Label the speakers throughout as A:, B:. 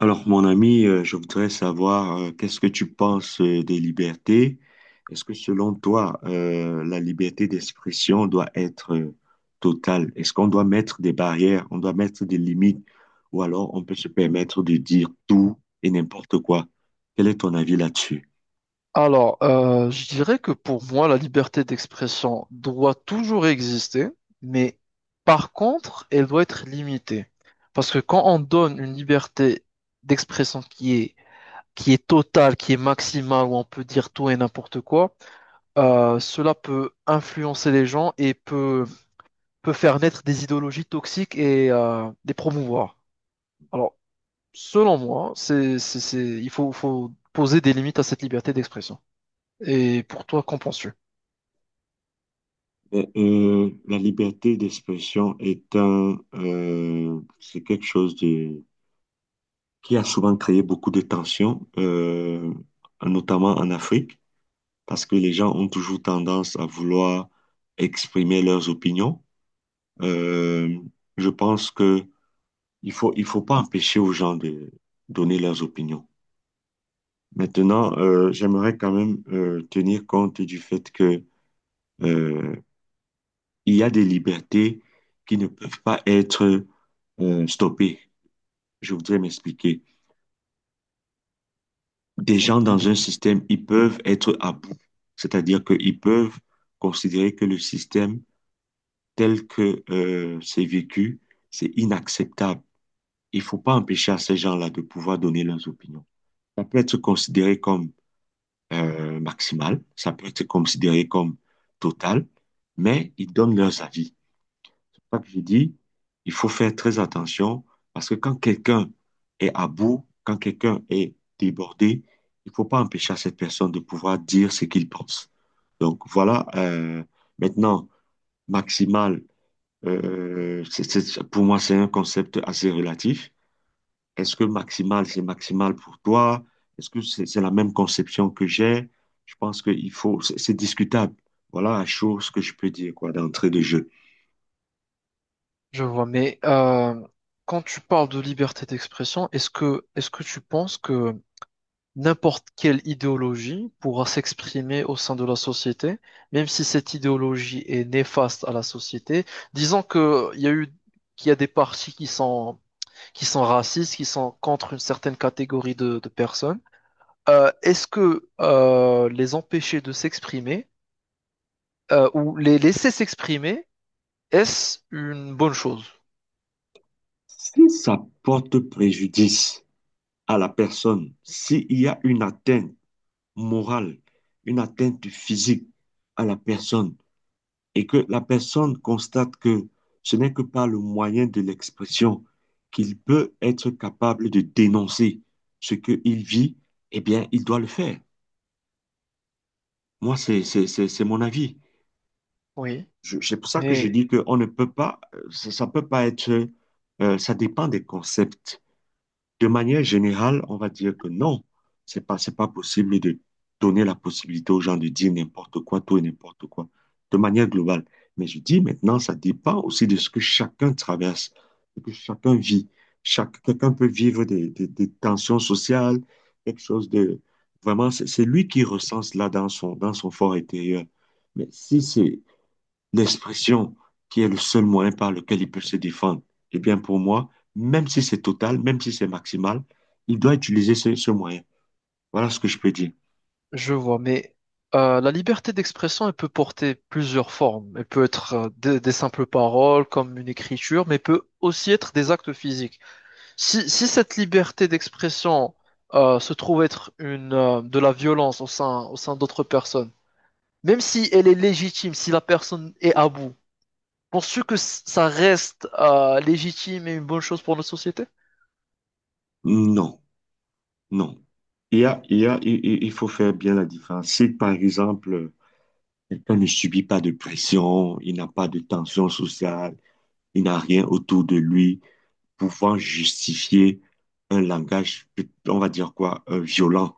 A: Alors, mon ami, je voudrais savoir qu'est-ce que tu penses des libertés? Est-ce que selon toi, la liberté d'expression doit être totale? Est-ce qu'on doit mettre des barrières, on doit mettre des limites, ou alors on peut se permettre de dire tout et n'importe quoi? Quel est ton avis là-dessus?
B: Alors, je dirais que pour moi, la liberté d'expression doit toujours exister, mais par contre, elle doit être limitée. Parce que quand on donne une liberté d'expression qui est totale, qui est maximale, où on peut dire tout et n'importe quoi, cela peut influencer les gens et peut faire naître des idéologies toxiques et les promouvoir. Alors, selon moi, faut poser des limites à cette liberté d'expression. Et pour toi, qu'en penses-tu?
A: La liberté d'expression est c'est quelque chose de, qui a souvent créé beaucoup de tensions, notamment en Afrique, parce que les gens ont toujours tendance à vouloir exprimer leurs opinions. Euh, je pense que il faut pas empêcher aux gens de donner leurs opinions. Maintenant, j'aimerais quand même tenir compte du fait que euh, il y a des libertés qui ne peuvent pas être stoppées. Je voudrais m'expliquer. Des gens dans
B: Dis-
A: un système, ils peuvent être à bout, c'est-à-dire qu'ils peuvent considérer que le système tel que c'est vécu, c'est inacceptable. Il ne faut pas empêcher à ces gens-là de pouvoir donner leurs opinions. Ça peut être considéré comme maximal, ça peut être considéré comme total, mais ils donnent leurs avis. C'est pas que je dis, il faut faire très attention parce que quand quelqu'un est à bout, quand quelqu'un est débordé, il ne faut pas empêcher à cette personne de pouvoir dire ce qu'il pense. Donc voilà, maintenant, maximal pour moi, c'est un concept assez relatif. Est-ce que maximal, c'est maximal pour toi? Est-ce que c'est la même conception que j'ai? Je pense qu'il faut, c'est discutable. Voilà la chose que je peux dire, quoi, d'entrée de jeu.
B: Je vois, mais quand tu parles de liberté d'expression, est-ce que tu penses que n'importe quelle idéologie pourra s'exprimer au sein de la société, même si cette idéologie est néfaste à la société? Disons que il y a eu qu'il y a des partis qui sont racistes, qui sont contre une certaine catégorie de personnes. Est-ce que les empêcher de s'exprimer ou les laisser s'exprimer, est-ce une bonne chose?
A: Si ça porte préjudice à la personne, s'il y a une atteinte morale, une atteinte physique à la personne, et que la personne constate que ce n'est que par le moyen de l'expression qu'il peut être capable de dénoncer ce qu'il vit, eh bien, il doit le faire. Moi, c'est mon avis.
B: Oui.
A: C'est pour ça que je
B: Mais
A: dis qu'on ne peut pas, ça peut pas être, ça dépend des concepts. De manière générale, on va dire que non, c'est pas possible de donner la possibilité aux gens de dire n'importe quoi, tout et n'importe quoi, de manière globale. Mais je dis maintenant, ça dépend aussi de ce que chacun traverse, de ce que chacun vit. Quelqu'un peut vivre des tensions sociales, quelque chose de... Vraiment, c'est lui qui recense là dans son fort intérieur. Mais si c'est l'expression qui est le seul moyen par lequel il peut se défendre, eh bien pour moi, même si c'est total, même si c'est maximal, il doit utiliser ce moyen. Voilà ce que je peux dire.
B: je vois, mais la liberté d'expression, elle peut porter plusieurs formes. Elle peut être des simples paroles, comme une écriture, mais peut aussi être des actes physiques. Si cette liberté d'expression se trouve être de la violence au sein d'autres personnes, même si elle est légitime, si la personne est à bout, penses-tu que ça reste légitime et une bonne chose pour notre société?
A: Non, non. Il y a, il y a, il faut faire bien la différence. Si par exemple, quelqu'un ne subit pas de pression, il n'a pas de tension sociale, il n'a rien autour de lui pouvant justifier un langage, on va dire quoi, violent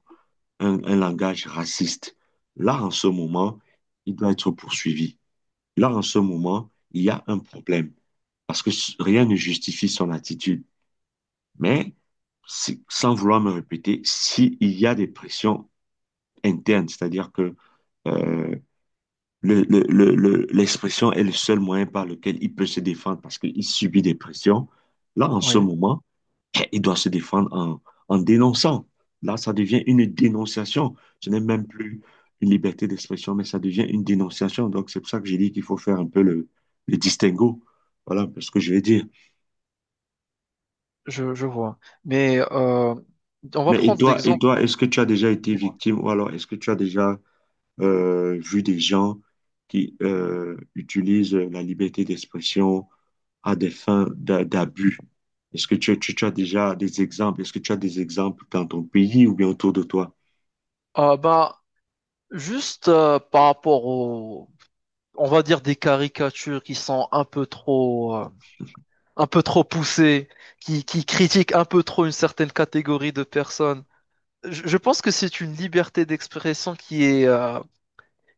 A: un langage raciste. Là, en ce moment, il doit être poursuivi. Là, en ce moment, il y a un problème parce que rien ne justifie son attitude. Mais, si, sans vouloir me répéter, s'il y a des pressions internes, c'est-à-dire que euh, l'expression est le seul moyen par lequel il peut se défendre parce qu'il subit des pressions, là, en ce
B: Oui,
A: moment, il doit se défendre en dénonçant. Là, ça devient une dénonciation. Ce n'est même plus une liberté d'expression, mais ça devient une dénonciation. Donc, c'est pour ça que j'ai dit qu'il faut faire un peu le distinguo. Voilà un ce que je vais dire.
B: je vois. Mais on va
A: Mais et
B: prendre
A: toi,
B: l'exemple.
A: est-ce que tu as déjà été victime ou alors est-ce que tu as déjà vu des gens qui utilisent la liberté d'expression à des fins d'abus? Est-ce que tu as déjà des exemples? Est-ce que tu as des exemples dans ton pays ou bien autour de toi?
B: Ah bah, juste par rapport aux, on va dire des caricatures qui sont un peu trop poussées, qui critiquent un peu trop une certaine catégorie de personnes. Je pense que c'est une liberté d'expression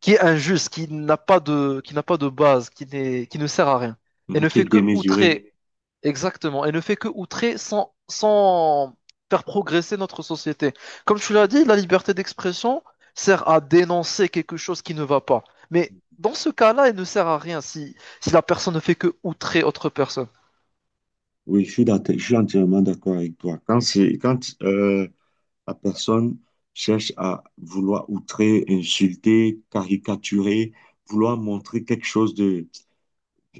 B: qui est injuste, qui n'a pas de base, qui ne sert à rien. Et
A: Mhm,
B: ne
A: qui est
B: fait que
A: démesuré.
B: outrer, exactement, et ne fait que outrer sans faire progresser notre société. Comme tu l'as dit, la liberté d'expression sert à dénoncer quelque chose qui ne va pas. Mais dans ce cas-là, elle ne sert à rien si la personne ne fait que outrer autre personne.
A: Oui, je suis entièrement d'accord avec toi. Quand la personne cherche à vouloir outrer, insulter, caricaturer, vouloir montrer quelque chose de,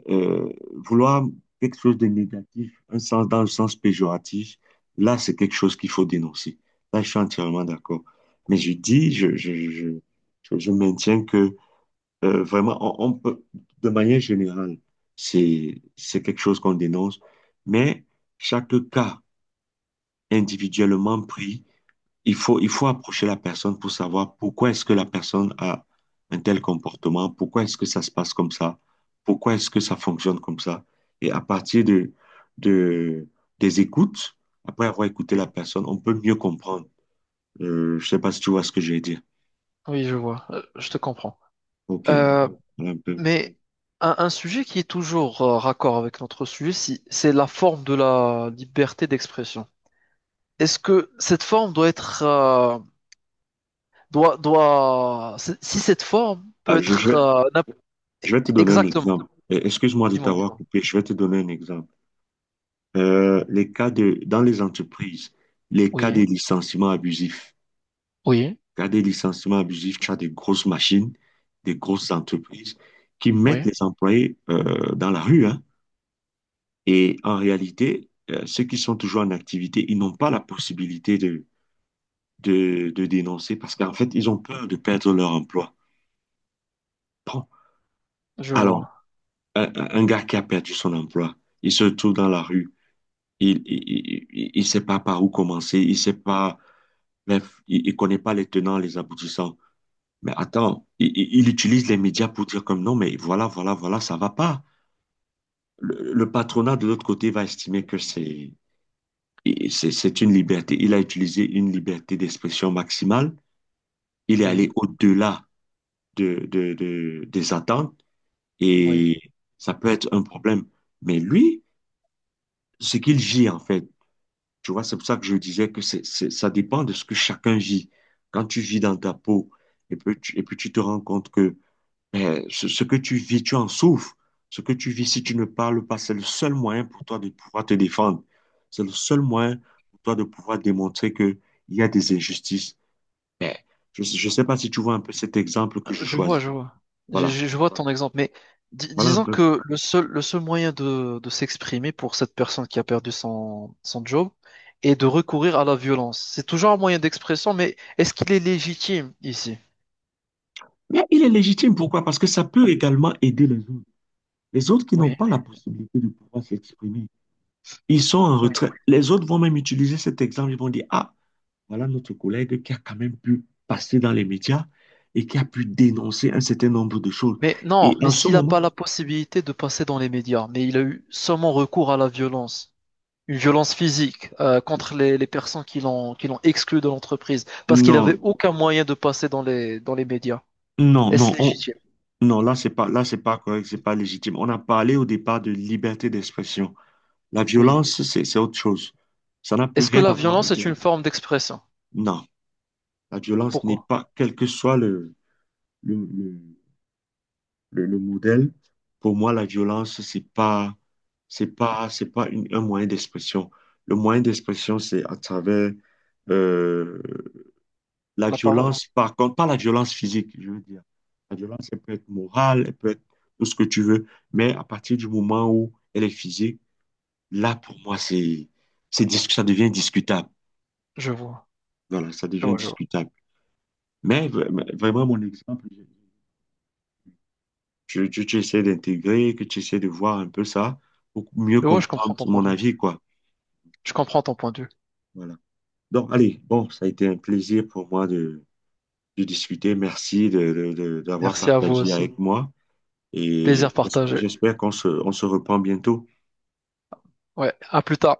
A: euh, vouloir quelque chose de négatif, un sens dans le sens péjoratif, là, c'est quelque chose qu'il faut dénoncer. Là, je suis entièrement d'accord. Mais je dis, je maintiens que vraiment, on peut, de manière générale, c'est quelque chose qu'on dénonce, mais chaque cas individuellement pris, il faut approcher la personne pour savoir pourquoi est-ce que la personne a un tel comportement, pourquoi est-ce que ça se passe comme ça, pourquoi est-ce que ça fonctionne comme ça. Et à partir de, des écoutes, après avoir écouté
B: Oui,
A: la personne, on peut mieux comprendre. Je sais pas si tu vois ce que je vais dire.
B: oui, je vois. Je te comprends.
A: OK.
B: Euh,
A: Voilà un peu.
B: mais un sujet qui est toujours raccord avec notre sujet, c'est la forme de la liberté d'expression. Est-ce que cette forme doit être doit doit si cette forme peut
A: Ah, je, je-
B: être
A: Je vais te donner un
B: exactement.
A: exemple. Excuse-moi de
B: Dis-moi,
A: t'avoir
B: dis-moi.
A: coupé. Je vais te donner un exemple. Les cas de, dans les entreprises, les cas de
B: Oui,
A: licenciement abusif.
B: oui,
A: Cas de licenciement abusif, tu as des grosses machines, des grosses entreprises qui mettent
B: oui,
A: les employés dans la rue, hein. Et en réalité, ceux qui sont toujours en activité, ils n'ont pas la possibilité de dénoncer parce qu'en fait, ils ont peur de perdre leur emploi. Bon,
B: je
A: alors,
B: vois.
A: un gars qui a perdu son emploi, il se retrouve dans la rue. Il sait pas par où commencer, il sait pas, bref, il connaît pas les tenants, les aboutissants. Mais attends, il utilise les médias pour dire comme non, mais voilà, voilà, voilà, ça va pas. Le patronat de l'autre côté va estimer que c'est une liberté. Il a utilisé une liberté d'expression maximale. Il est allé
B: Oui,
A: au-delà des attentes
B: oui,
A: et ça peut être un problème. Mais lui, ce qu'il gît en fait, tu vois, c'est pour ça que je disais que ça dépend de ce que chacun vit. Quand tu vis dans ta peau et puis et puis tu te rends compte que eh, ce que tu vis, tu en souffres. Ce que tu vis, si tu ne parles pas, c'est le seul moyen pour toi de pouvoir te défendre. C'est le seul moyen pour toi de pouvoir démontrer qu'il y a des injustices. Mais je ne sais pas si tu vois un peu cet exemple que je
B: je vois,
A: choisis.
B: je vois.
A: Voilà,
B: Je vois ton exemple, mais
A: voilà un
B: disons
A: peu.
B: que le seul moyen de s'exprimer pour cette personne qui a perdu son job est de recourir à la violence. C'est toujours un moyen d'expression, mais est-ce qu'il est légitime ici?
A: Mais il est légitime, pourquoi? Parce que ça peut également aider les autres. Les autres qui
B: Oui,
A: n'ont
B: oui.
A: pas la possibilité de pouvoir s'exprimer. Ils sont en retrait. Les autres vont même utiliser cet exemple. Ils vont dire, ah, voilà notre collègue qui a quand même pu passer dans les médias et qui a pu dénoncer un certain nombre de choses.
B: Mais
A: Et
B: non, mais
A: en ce
B: s'il n'a pas
A: moment,
B: la possibilité de passer dans les médias, mais il a eu seulement recours à la violence, une violence physique contre les personnes qui l'ont exclu de l'entreprise, parce qu'il
A: non,
B: n'avait aucun moyen de passer dans les médias.
A: non, non,
B: Est-ce légitime?
A: non, là, c'est pas correct, c'est pas légitime. On a parlé au départ de liberté d'expression. La
B: Oui.
A: violence, c'est autre chose. Ça n'a plus
B: Est-ce que
A: rien
B: la
A: à voir
B: violence
A: avec
B: est
A: la-
B: une forme d'expression?
A: Non, la violence n'est
B: Pourquoi?
A: pas, quel que soit le, le- le modèle. Pour moi, la violence, c'est pas une- un moyen d'expression. Le moyen d'expression, c'est à travers euh, la
B: La parole.
A: violence, par contre, pas la violence physique, je veux dire. La violence, elle peut être morale, elle peut être tout ce que tu veux, mais à partir du moment où elle est physique, là, pour moi, ça devient discutable.
B: Je vois.
A: Voilà, ça
B: Je
A: devient
B: vois, je vois.
A: discutable. Mais vraiment, mon exemple, tu essaies d'intégrer, que tu essaies de voir un peu ça pour mieux
B: Je vois, je
A: comprendre
B: comprends ton point
A: mon
B: de vue.
A: avis, quoi.
B: Je comprends ton point de vue.
A: Voilà. Donc, allez, bon, ça a été un plaisir pour moi de discuter. Merci d'avoir
B: Merci à vous
A: partagé
B: aussi.
A: avec moi
B: Plaisir
A: et
B: partagé.
A: j'espère on se reprend bientôt.
B: Ouais, à plus tard.